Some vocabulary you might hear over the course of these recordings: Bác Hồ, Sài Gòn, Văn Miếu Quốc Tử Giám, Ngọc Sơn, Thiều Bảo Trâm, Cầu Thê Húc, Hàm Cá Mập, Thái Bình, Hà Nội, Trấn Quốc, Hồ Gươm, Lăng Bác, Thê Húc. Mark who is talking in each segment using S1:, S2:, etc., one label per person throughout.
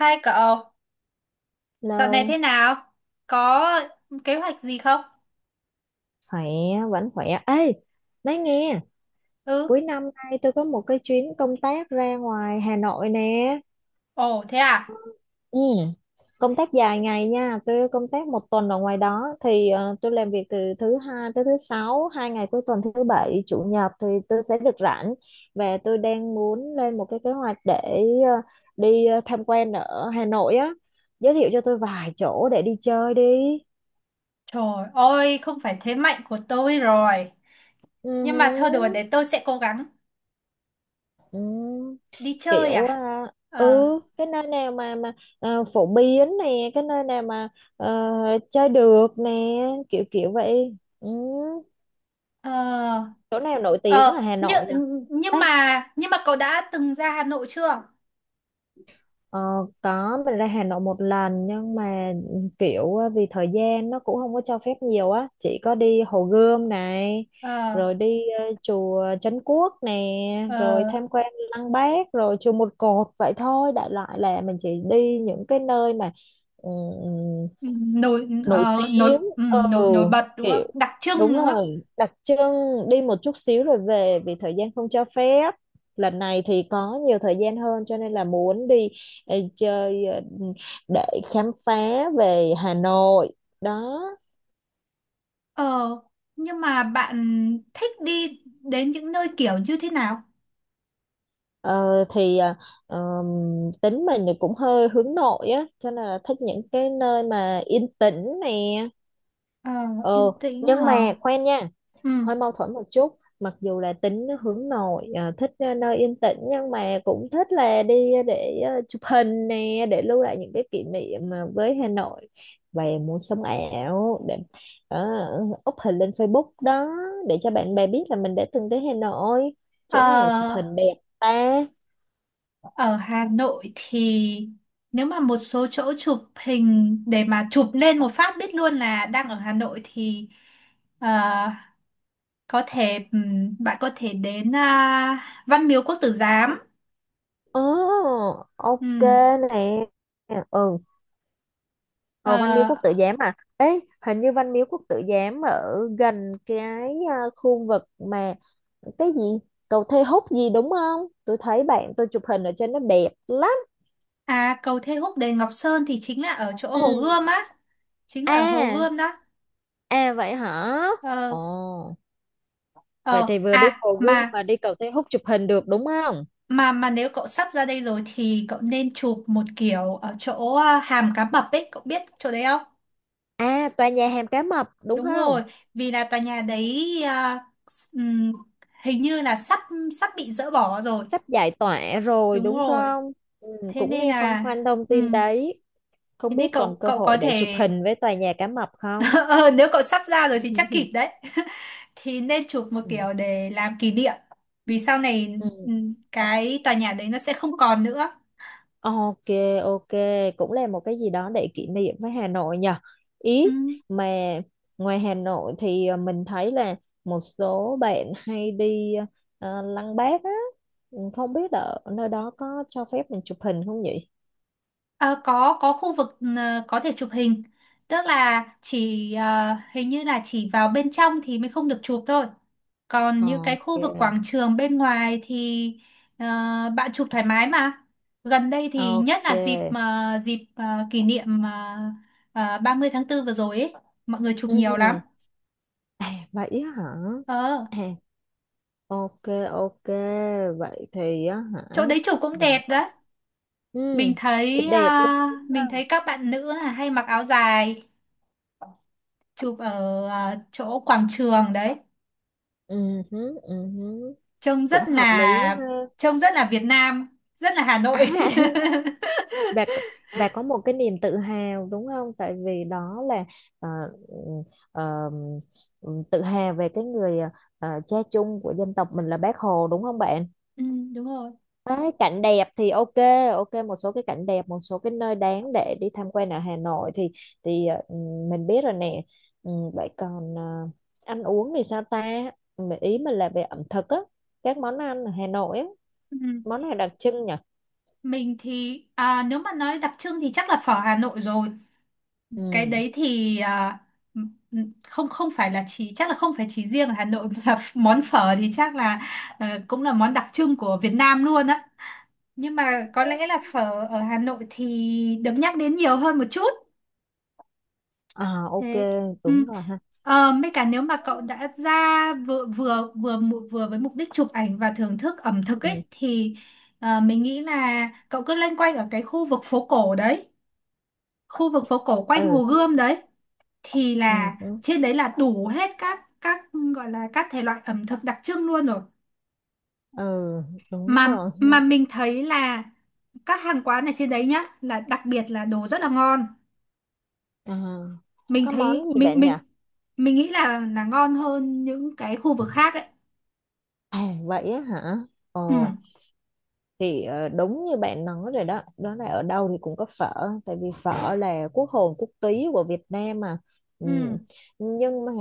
S1: Hai cậu, dạo này thế
S2: Lâu,
S1: nào? Có kế hoạch gì không?
S2: khỏe, vẫn khỏe. Ê, nói nghe,
S1: Ừ,
S2: cuối năm nay tôi có một cái chuyến công tác ra ngoài Hà Nội nè.
S1: ồ thế à?
S2: Ừ, công tác dài ngày nha, tôi công tác một tuần ở ngoài đó. Thì tôi làm việc từ thứ hai tới thứ sáu, hai ngày cuối tuần thứ bảy, chủ nhật thì tôi sẽ được rảnh. Và tôi đang muốn lên một cái kế hoạch để ờ, đi tham quan ở Hà Nội á. Giới thiệu cho tôi vài chỗ để đi chơi đi.
S1: Trời ơi, không phải thế mạnh của tôi rồi.
S2: Ừ,
S1: Nhưng mà thôi đùa
S2: hứ.
S1: để tôi sẽ cố gắng
S2: Ừ,
S1: đi chơi
S2: kiểu
S1: à?
S2: ừ
S1: Ờ,
S2: cái nơi nào mà phổ biến nè, cái nơi nào mà ờ, chơi được nè, kiểu kiểu vậy, ừ.
S1: ờ,
S2: Chỗ nào nổi tiếng ở
S1: ờ,
S2: Hà
S1: nhưng,
S2: Nội nhỉ?
S1: nhưng mà, nhưng mà cậu đã từng ra Hà Nội chưa?
S2: Ờ, có, mình ra Hà Nội một lần nhưng mà kiểu vì thời gian nó cũng không có cho phép nhiều á, chỉ có đi Hồ Gươm này
S1: Ờ,
S2: rồi đi chùa Trấn Quốc nè
S1: ờ,
S2: rồi tham quan Lăng Bác rồi chùa Một Cột, vậy thôi, đại loại là mình chỉ đi những cái nơi mà
S1: nổi,
S2: nổi
S1: ờ, nổi,
S2: tiếng,
S1: ừ,
S2: ừ,
S1: nổi, nổi bật đúng không?
S2: kiểu,
S1: Đặc trưng
S2: đúng
S1: đúng không?
S2: rồi, đặc trưng, đi một chút xíu rồi về vì thời gian không cho phép. Lần này thì có nhiều thời gian hơn cho nên là muốn đi chơi để khám phá về Hà Nội đó.
S1: Ờ, nhưng mà bạn thích đi đến những nơi kiểu như thế nào?
S2: Ờ, thì tính mình thì cũng hơi hướng nội á cho nên là thích những cái nơi mà yên tĩnh nè,
S1: Ờ, Yên
S2: ừ.
S1: tĩnh
S2: Nhưng
S1: hả?
S2: mà khoan nha,
S1: Ừ.
S2: hơi mâu thuẫn một chút, mặc dù là tính hướng nội thích nơi yên tĩnh nhưng mà cũng thích là đi để chụp hình nè, để lưu lại những cái kỷ niệm với Hà Nội, và muốn sống ảo để up hình lên Facebook đó, để cho bạn bè biết là mình đã từng tới Hà Nội. Chỗ nào chụp
S1: Ờ,
S2: hình đẹp ta?
S1: Ở Hà Nội thì nếu mà một số chỗ chụp hình để mà chụp lên một phát biết luôn là đang ở Hà Nội thì ờ, có thể, bạn có thể đến Văn Miếu Quốc Tử Giám.
S2: Ồ, ok
S1: Ừm.
S2: nè, ừ. Ờ, Văn Miếu
S1: Ờ,
S2: Quốc Tử Giám à? Ê, hình như Văn Miếu Quốc Tử Giám ở gần cái khu vực mà, cái gì, cầu Thê Húc gì đúng không? Tôi thấy bạn tôi chụp hình ở trên nó đẹp lắm.
S1: à, cầu Thê Húc đền Ngọc Sơn thì chính là ở chỗ Hồ
S2: Ừ.
S1: Gươm á, chính là ở Hồ
S2: À,
S1: Gươm đó.
S2: à, vậy hả?
S1: Ờ,
S2: Ồ, vậy
S1: ờ
S2: thì vừa đi
S1: à
S2: Hồ Gươm
S1: mà
S2: mà đi cầu Thê Húc chụp hình được đúng không?
S1: mà nếu cậu sắp ra đây rồi thì cậu nên chụp một kiểu ở chỗ hàm cá mập ấy, cậu biết chỗ đấy không?
S2: À, tòa nhà Hàm Cá Mập đúng
S1: Đúng
S2: không?
S1: rồi, vì là tòa nhà đấy ừm, hình như là sắp sắp bị dỡ bỏ rồi.
S2: Sắp giải tỏa rồi
S1: Đúng
S2: đúng
S1: rồi.
S2: không? Ừ,
S1: Thế
S2: cũng
S1: nên
S2: nghe phong
S1: là
S2: phanh thông tin
S1: ừm,
S2: đấy.
S1: thế
S2: Không
S1: nên
S2: biết còn
S1: cậu
S2: cơ
S1: cậu có
S2: hội để chụp
S1: thể
S2: hình với tòa nhà Cá Mập không?
S1: Ờ, nếu cậu sắp ra rồi thì chắc kịp đấy. Thì nên chụp một
S2: Ừ.
S1: kiểu để làm kỷ niệm. Vì sau này,
S2: Ừ.
S1: cái tòa nhà đấy nó sẽ không còn nữa.
S2: Ok, ok, cũng là một cái gì đó để kỷ niệm với Hà Nội nhờ.
S1: Ừ.
S2: Ý mà, ngoài Hà Nội thì mình thấy là một số bạn hay đi Lăng Bác á. Ừ, không biết ở nơi đó có cho phép mình chụp hình không nhỉ?
S1: Ờ, có khu vực, có thể chụp hình, tức là chỉ, hình như là chỉ vào bên trong thì mới không được chụp thôi, còn những cái khu vực
S2: Ok,
S1: quảng trường bên ngoài thì ờ, bạn chụp thoải mái mà. Gần đây thì nhất là dịp
S2: ok.
S1: mà dịp ờ, kỷ niệm ba mươi tháng 4 vừa rồi ấy, mọi người chụp nhiều lắm.
S2: Ừ. À, vậy á hả?
S1: ờ
S2: À, ok, ok. Vậy thì á hả?
S1: Chỗ đấy chụp cũng
S2: Mình
S1: đẹp đấy.
S2: ừ,
S1: mình
S2: thì
S1: thấy ờ,
S2: đẹp luôn đúng
S1: mình
S2: không?
S1: thấy các bạn nữ là hay mặc áo dài, chụp ở chỗ quảng trường đấy,
S2: Ừ, hứ, ừ, hứ.
S1: trông
S2: Cũng
S1: rất
S2: hợp lý quá
S1: là
S2: ha.
S1: trông rất là Việt Nam, rất là Hà Nội.
S2: À, bà c- bà có một cái niềm tự hào đúng không, tại vì đó là ờ, ừ, ờ, tự hào về cái người cha chung của dân tộc mình là Bác Hồ, đúng không bạn?
S1: Ừ, đúng rồi.
S2: Đấy, cảnh đẹp thì ok, ok, một số cái cảnh đẹp, một số cái nơi đáng để đi tham quan ở Hà Nội thì, thì ờ, ừ, mình biết rồi nè. Ừ, vậy còn ăn uống thì sao ta? Ừ, ý mình là về ẩm thực á, các món ăn ở Hà Nội á,
S1: Ừ.
S2: món này đặc trưng nhỉ.
S1: Mình thì, nếu mà nói đặc trưng thì chắc là phở Hà Nội rồi. Cái
S2: Ừ,
S1: đấy thì, không không phải là chỉ, chắc là không phải chỉ riêng ở Hà Nội mà. Món phở thì chắc là, cũng là món đặc trưng của Việt Nam luôn á. Nhưng mà có lẽ là phở ở Hà Nội thì được nhắc đến nhiều hơn một chút.
S2: à, ok,
S1: Thế. Ừ.
S2: đúng rồi ha.
S1: Mấy cả nếu mà cậu đã ra vừa vừa vừa mụ- vừa với mục đích chụp ảnh và thưởng thức ẩm thực
S2: Ừ,
S1: ấy thì, mình nghĩ là cậu cứ loanh quanh ở cái khu vực phố cổ đấy, khu vực phố cổ quanh
S2: ừ,
S1: Hồ Gươm đấy, thì
S2: ừ,
S1: là
S2: đúng,
S1: trên đấy là đủ hết các, gọi là các thể loại ẩm thực đặc trưng luôn rồi.
S2: ừ, đúng
S1: Mà
S2: rồi ha.
S1: mà mình thấy là các hàng quán ở trên đấy nhá, là đặc biệt là đồ rất là ngon.
S2: à,
S1: Mình
S2: có món
S1: thấy
S2: gì bạn nhỉ?
S1: mình nghĩ là ngon hơn những cái khu vực khác ấy.
S2: À, vậy á hả?
S1: Ừ,
S2: Ồ. Thì đúng như bạn nói rồi đó, đó là ở đâu thì cũng có phở, tại vì phở là quốc hồn quốc túy của Việt Nam mà. Ừ.
S1: ừ.
S2: Nhưng mà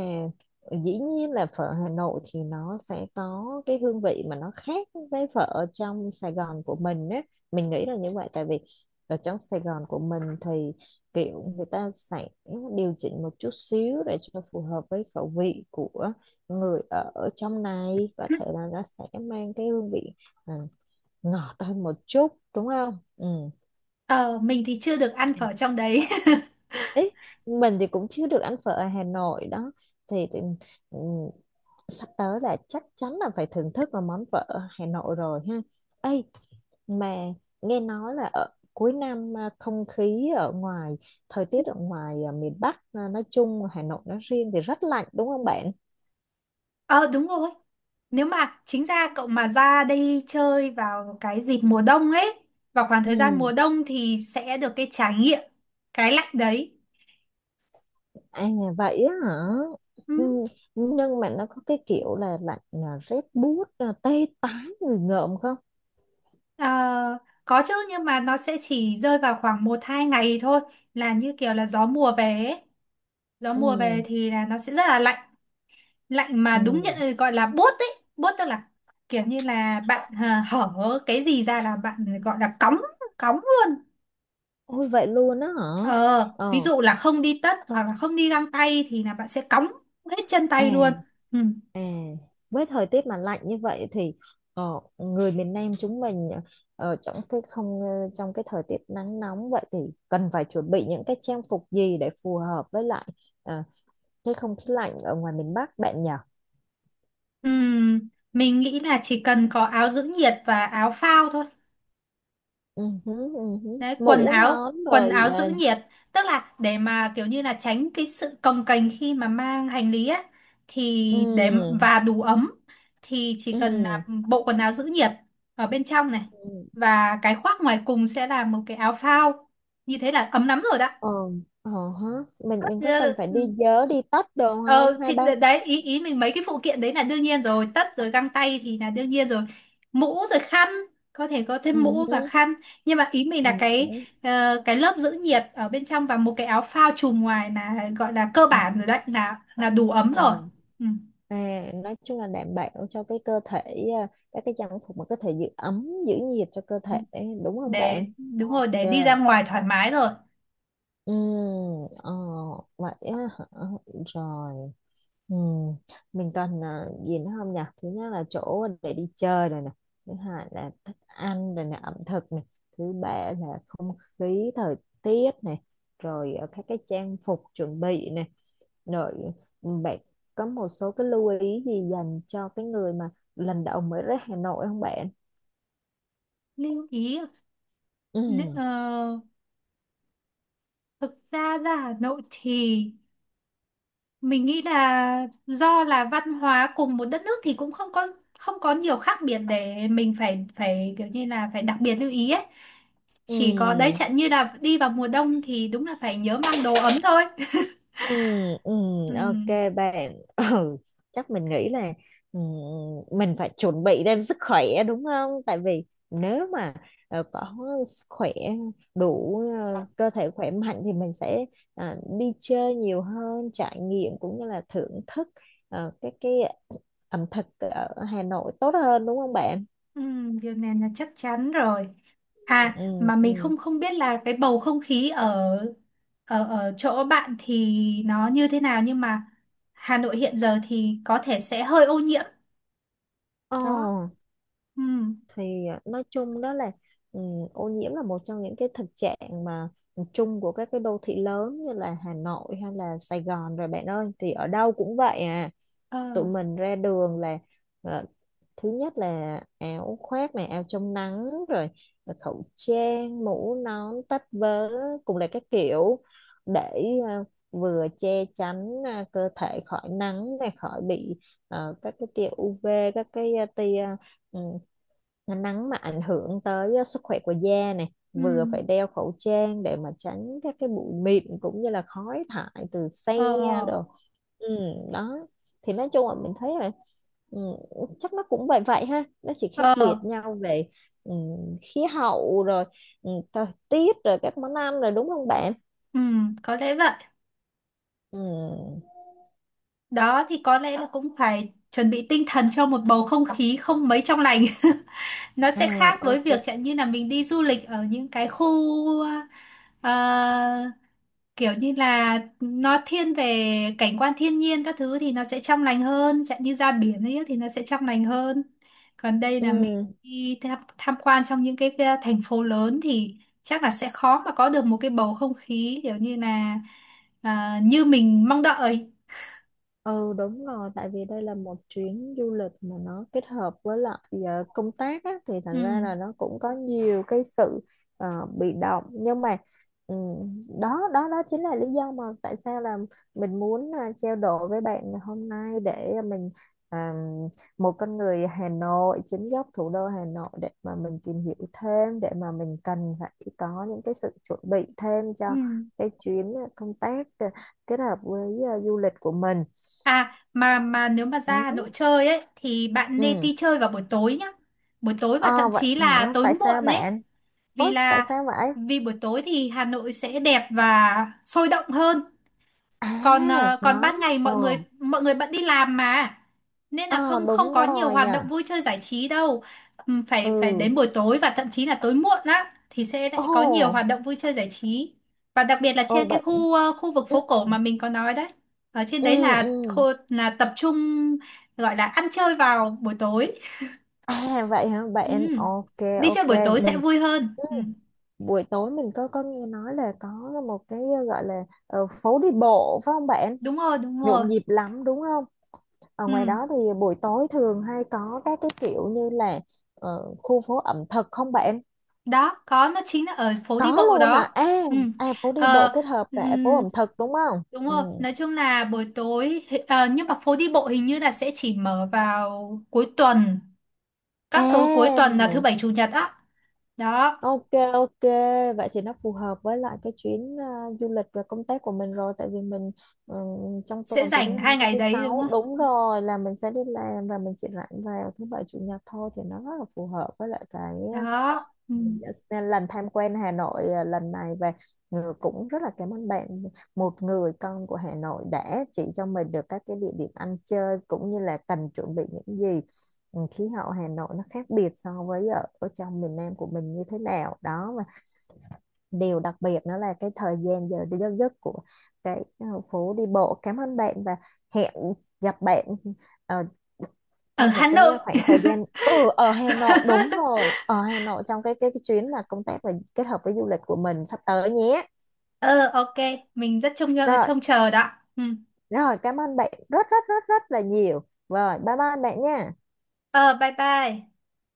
S2: dĩ nhiên là phở Hà Nội thì nó sẽ có cái hương vị mà nó khác với phở ở trong Sài Gòn của mình á. Mình nghĩ là như vậy, tại vì ở trong Sài Gòn của mình thì kiểu người ta sẽ điều chỉnh một chút xíu để cho phù hợp với khẩu vị của người ở trong này, có thể là nó sẽ mang cái hương vị à, ngọt hơn một chút, đúng không, ừ.
S1: Ờ, mình thì chưa được ăn
S2: Ấy,
S1: phở trong đấy.
S2: mình thì cũng chưa được ăn phở ở Hà Nội đó. Thì, thì ừ, sắp tới là chắc chắn là phải thưởng thức vào món phở ở Hà Nội rồi ha. Ấy mà, nghe nói là ở cuối năm không khí ở ngoài, thời tiết ở ngoài miền Bắc nói chung, Hà Nội nói riêng, thì rất lạnh đúng không bạn?
S1: Ờ, đúng rồi. Nếu mà chính ra cậu mà ra đây chơi vào cái dịp mùa đông ấy, vào khoảng thời gian mùa
S2: Ừ.
S1: đông thì sẽ được cái trải nghiệm cái lạnh đấy.
S2: À, vậy á hả?
S1: Ừ.
S2: Ừ, nhưng mà nó có cái kiểu là lạnh rét buốt tê tái người ngợm không?
S1: Ờ, có chứ, nhưng mà nó sẽ chỉ rơi vào khoảng một hai ngày thôi, là như kiểu là gió mùa về ấy. Gió mùa về
S2: Ừ,
S1: thì là nó sẽ rất là lạnh, lạnh mà đúng nhận,
S2: ừ,
S1: gọi là buốt ấy. Buốt tức là kiểu như là bạn, hở cái gì ra là bạn, gọi là cóng, cóng luôn.
S2: ôi vậy luôn á hả?
S1: Ờ Ví
S2: Ờ,
S1: dụ là không đi tất hoặc là không đi găng tay thì là bạn sẽ cóng hết chân tay luôn.
S2: à,
S1: Ừ.
S2: à. Với thời tiết mà lạnh như vậy thì ờ, người miền Nam chúng mình, ở trong cái không ờ, trong cái thời tiết nắng nóng vậy thì cần phải chuẩn bị những cái trang phục gì để phù hợp với lại ờ, cái không khí lạnh ở ngoài miền Bắc bạn nhỉ?
S1: Ừm, mình nghĩ là chỉ cần có áo giữ nhiệt và áo phao thôi.
S2: Ừ, hứ, ừ, hứ.
S1: Đấy, quần
S2: Mũ
S1: áo
S2: nón
S1: quần
S2: rồi
S1: áo giữ
S2: à?
S1: nhiệt, tức là để mà kiểu như là tránh cái sự cồng kềnh khi mà mang hành lý á, thì để
S2: Ừ,
S1: và đủ ấm. Thì chỉ cần
S2: ừ,
S1: là bộ quần áo giữ nhiệt ở bên trong này,
S2: ừ.
S1: và cái khoác ngoài cùng sẽ là một cái áo phao, như thế là ấm lắm rồi đó.
S2: Ờ, ờ hả. Mình có
S1: Ờ,
S2: cần phải đi
S1: ừ.
S2: vớ đi tất đồ
S1: Ờ
S2: không,
S1: thì,
S2: hai ba?
S1: đấy ý ý mình mấy cái phụ kiện đấy là đương nhiên rồi, tất rồi găng tay thì là đương nhiên rồi. Mũ rồi khăn, có thể có thêm mũ và
S2: Ừ,
S1: khăn, nhưng mà ý mình
S2: ừ,
S1: là cái
S2: đúng.
S1: ờ, cái lớp giữ nhiệt ở bên trong và một cái áo phao trùm ngoài là gọi là cơ bản
S2: Ừ,
S1: rồi đấy, là đủ ấm rồi.
S2: ờ.
S1: Ừ.
S2: À, nói chung là đảm bảo cho cái cơ thể, các cái trang phục mà có thể giữ ấm giữ nhiệt cho cơ thể đúng không
S1: Để
S2: bạn?
S1: Đúng rồi,
S2: Ok.
S1: để đi ra ngoài thoải mái rồi.
S2: Ừ, ờ, vậy á hả? Rồi. Ừ. Mình cần gì nữa không nhỉ? Thứ nhất là chỗ để đi chơi rồi nè. Thứ hai là thức ăn rồi nè, ẩm thực nè. Thứ ba là không khí, thời tiết nè. Rồi các cái trang phục chuẩn bị nè. Rồi, bạn có một số cái lưu ý gì dành cho cái người mà lần đầu mới đến Hà Nội không bạn?
S1: Lưu ý. Nữ-
S2: Ừ,
S1: ờ, Thực ra ra Hà Nội thì mình nghĩ là do là văn hóa cùng một đất nước thì cũng không có nhiều khác biệt, để mình phải phải kiểu như là phải đặc biệt lưu ý ấy.
S2: ừ,
S1: Chỉ có đấy chẳng như là đi vào mùa đông thì đúng là phải nhớ mang đồ ấm thôi.
S2: ừ, ừ,
S1: Ừ,
S2: ok bạn. Ừ, chắc mình nghĩ là ừ, mình phải chuẩn bị thêm sức khỏe đúng không? Tại vì nếu mà có sức khỏe đủ, cơ thể khỏe mạnh thì mình sẽ đi chơi nhiều hơn, trải nghiệm cũng như là thưởng thức cái ẩm thực ở Hà Nội tốt hơn đúng không bạn?
S1: ừ, điều này là chắc chắn rồi. À,
S2: Ừ,
S1: mà mình
S2: ừ,
S1: không không biết là cái bầu không khí ở ở ở chỗ bạn thì nó như thế nào, nhưng mà Hà Nội hiện giờ thì có thể sẽ hơi ô nhiễm
S2: ờ.
S1: đó. Ừ,
S2: Thì nói chung đó là ừ, ô nhiễm là một trong những cái thực trạng mà chung của các cái đô thị lớn như là Hà Nội hay là Sài Gòn rồi, bạn ơi, thì ở đâu cũng vậy à.
S1: ờ,
S2: Tụi mình ra đường là ờ, thứ nhất là áo khoác này, áo chống nắng, rồi khẩu trang, mũ nón, tất vớ cùng là các kiểu, để ờ, vừa che chắn cơ thể khỏi nắng này, khỏi bị các cái tia UV, tia ừ, nắng mà ảnh hưởng tới sức khỏe của da này,
S1: ừ,
S2: vừa phải đeo khẩu trang để mà tránh các cái bụi mịn cũng như là khói thải từ xe.
S1: ờ.
S2: Ừ, đó, thì nói chung là mình thấy là ừ, chắc nó cũng vậy vậy ha, nó chỉ khác biệt
S1: Ờ,
S2: nhau về ừ, khí hậu rồi, thời tiết rồi các món ăn rồi đúng không bạn?
S1: ừ, có lẽ vậy.
S2: Ừ.
S1: Đó thì có lẽ là cũng phải chuẩn bị tinh thần cho một bầu không khí không mấy trong lành. Nó sẽ khác
S2: À,
S1: với
S2: ok.
S1: việc chẳng như là mình đi du lịch ở những cái khu, ờ, kiểu như là nó thiên về cảnh quan thiên nhiên các thứ thì nó sẽ trong lành hơn, chẳng như ra biển ấy thì nó sẽ trong lành hơn. Còn đây là mình
S2: Ừ.
S1: đi tham quan trong những cái, thành phố lớn thì chắc là sẽ khó mà có được một cái bầu không khí kiểu như là, như mình mong đợi.
S2: Ừ, đúng rồi, tại vì đây là một chuyến du lịch mà nó kết hợp với lại công tác á, thì
S1: Ừ.
S2: thành ra là nó cũng có nhiều cái sự bị động, nhưng mà đó, đó, đó chính là lý do mà tại sao là mình muốn trao đổi với bạn ngày hôm nay, để mình à, một con người Hà Nội chính gốc, thủ đô Hà Nội, để mà mình tìm hiểu thêm, để mà mình cần phải có những cái sự chuẩn bị thêm cho
S1: Ừ.
S2: cái chuyến công tác kết hợp với du lịch của mình.
S1: À, mà nếu mà ra Hà
S2: Ừ.
S1: Nội chơi ấy thì bạn nên
S2: Ừ.
S1: đi chơi vào buổi tối nhá. Buổi tối và
S2: Ờ,
S1: thậm
S2: vậy
S1: chí là
S2: hả,
S1: tối
S2: tại sao
S1: muộn ấy.
S2: bạn,
S1: Vì
S2: ôi tại
S1: là
S2: sao vậy?
S1: vì buổi tối thì Hà Nội sẽ đẹp và sôi động hơn. còn
S2: À,
S1: ờ, còn
S2: nói.
S1: ban ngày
S2: Ờ,
S1: mọi người bận đi làm mà, nên là
S2: ờ,
S1: không không
S2: đúng
S1: có nhiều
S2: rồi
S1: hoạt
S2: nhỉ.
S1: động vui chơi giải trí đâu. Phải phải
S2: Ừ.
S1: đến buổi tối và thậm chí là tối muộn á thì sẽ lại có nhiều hoạt
S2: Ồ,
S1: động vui chơi giải trí, và đặc biệt là
S2: ồ
S1: trên cái
S2: bạn.
S1: khu vực
S2: Ừ,
S1: phố cổ mà mình có nói đấy, ở trên
S2: ừ,
S1: đấy là
S2: ừ.
S1: khu, là tập trung, gọi là ăn chơi vào buổi tối.
S2: À, vậy hả bạn?
S1: Ừm,
S2: Ok,
S1: Đi chơi
S2: ok.
S1: buổi tối sẽ
S2: Mình,
S1: vui hơn.
S2: ừ.
S1: Ừm.
S2: Buổi tối mình có nghe nói là có một cái gọi là phố đi bộ phải không bạn?
S1: Đúng rồi, đúng rồi.
S2: Nhộn nhịp lắm đúng không? Ở ngoài
S1: Ừm,
S2: đó thì buổi tối thường hay có các cái kiểu như là khu phố ẩm thực không bạn?
S1: Đó, có nó chính là ở phố đi
S2: Có
S1: bộ
S2: luôn hả?
S1: đó.
S2: À,
S1: Ừm.
S2: à, phố đi bộ
S1: Ờ.
S2: kết hợp cả phố
S1: Ừm.
S2: ẩm thực đúng không?
S1: Đúng
S2: Ừ.
S1: rồi, nói chung là buổi tối, nhưng mà phố đi bộ hình như là sẽ chỉ mở vào cuối tuần, các tối cuối
S2: À,
S1: tuần là thứ bảy chủ nhật á. Đó,
S2: ok, ok, vậy thì nó phù hợp với lại cái chuyến du lịch và công tác của mình rồi, tại vì mình ừ, trong
S1: sẽ
S2: tuần từ
S1: rảnh
S2: thứ hai
S1: hai
S2: tới
S1: ngày
S2: thứ
S1: đấy đúng
S2: sáu, đúng
S1: không?
S2: rồi, là mình sẽ đi làm, và mình chỉ rảnh vào thứ bảy chủ nhật thôi, thì nó rất là phù hợp với lại cái.
S1: Đó. Ừ.
S2: Dạ, nên lần tham quan Hà Nội lần này, và Ngừ cũng rất là cảm ơn bạn, một người con của Hà Nội đã chỉ cho mình được các cái địa điểm ăn chơi cũng như là cần chuẩn bị những gì. Ừ, khí hậu Hà Nội nó khác biệt so với ở trong miền Nam của mình như thế nào đó, và điều đặc biệt đó là cái thời gian giờ giấc của cái phố đi bộ. Cảm ơn bạn và hẹn gặp bạn ờ,
S1: Ở
S2: trong
S1: Hà
S2: một cái
S1: Nội.
S2: khoảng thời gian, ở Hà Nội, đúng rồi, ở Hà Nội, trong cái chuyến mà công tác và kết hợp với du lịch của mình sắp tới nhé.
S1: Ờ, ok, mình rất trông
S2: Rồi,
S1: trông chờ đó. Ừ.
S2: rồi, cảm ơn bạn rất rất rất rất là nhiều. Rồi, bye bye bạn nha.
S1: Ờ, bye bye.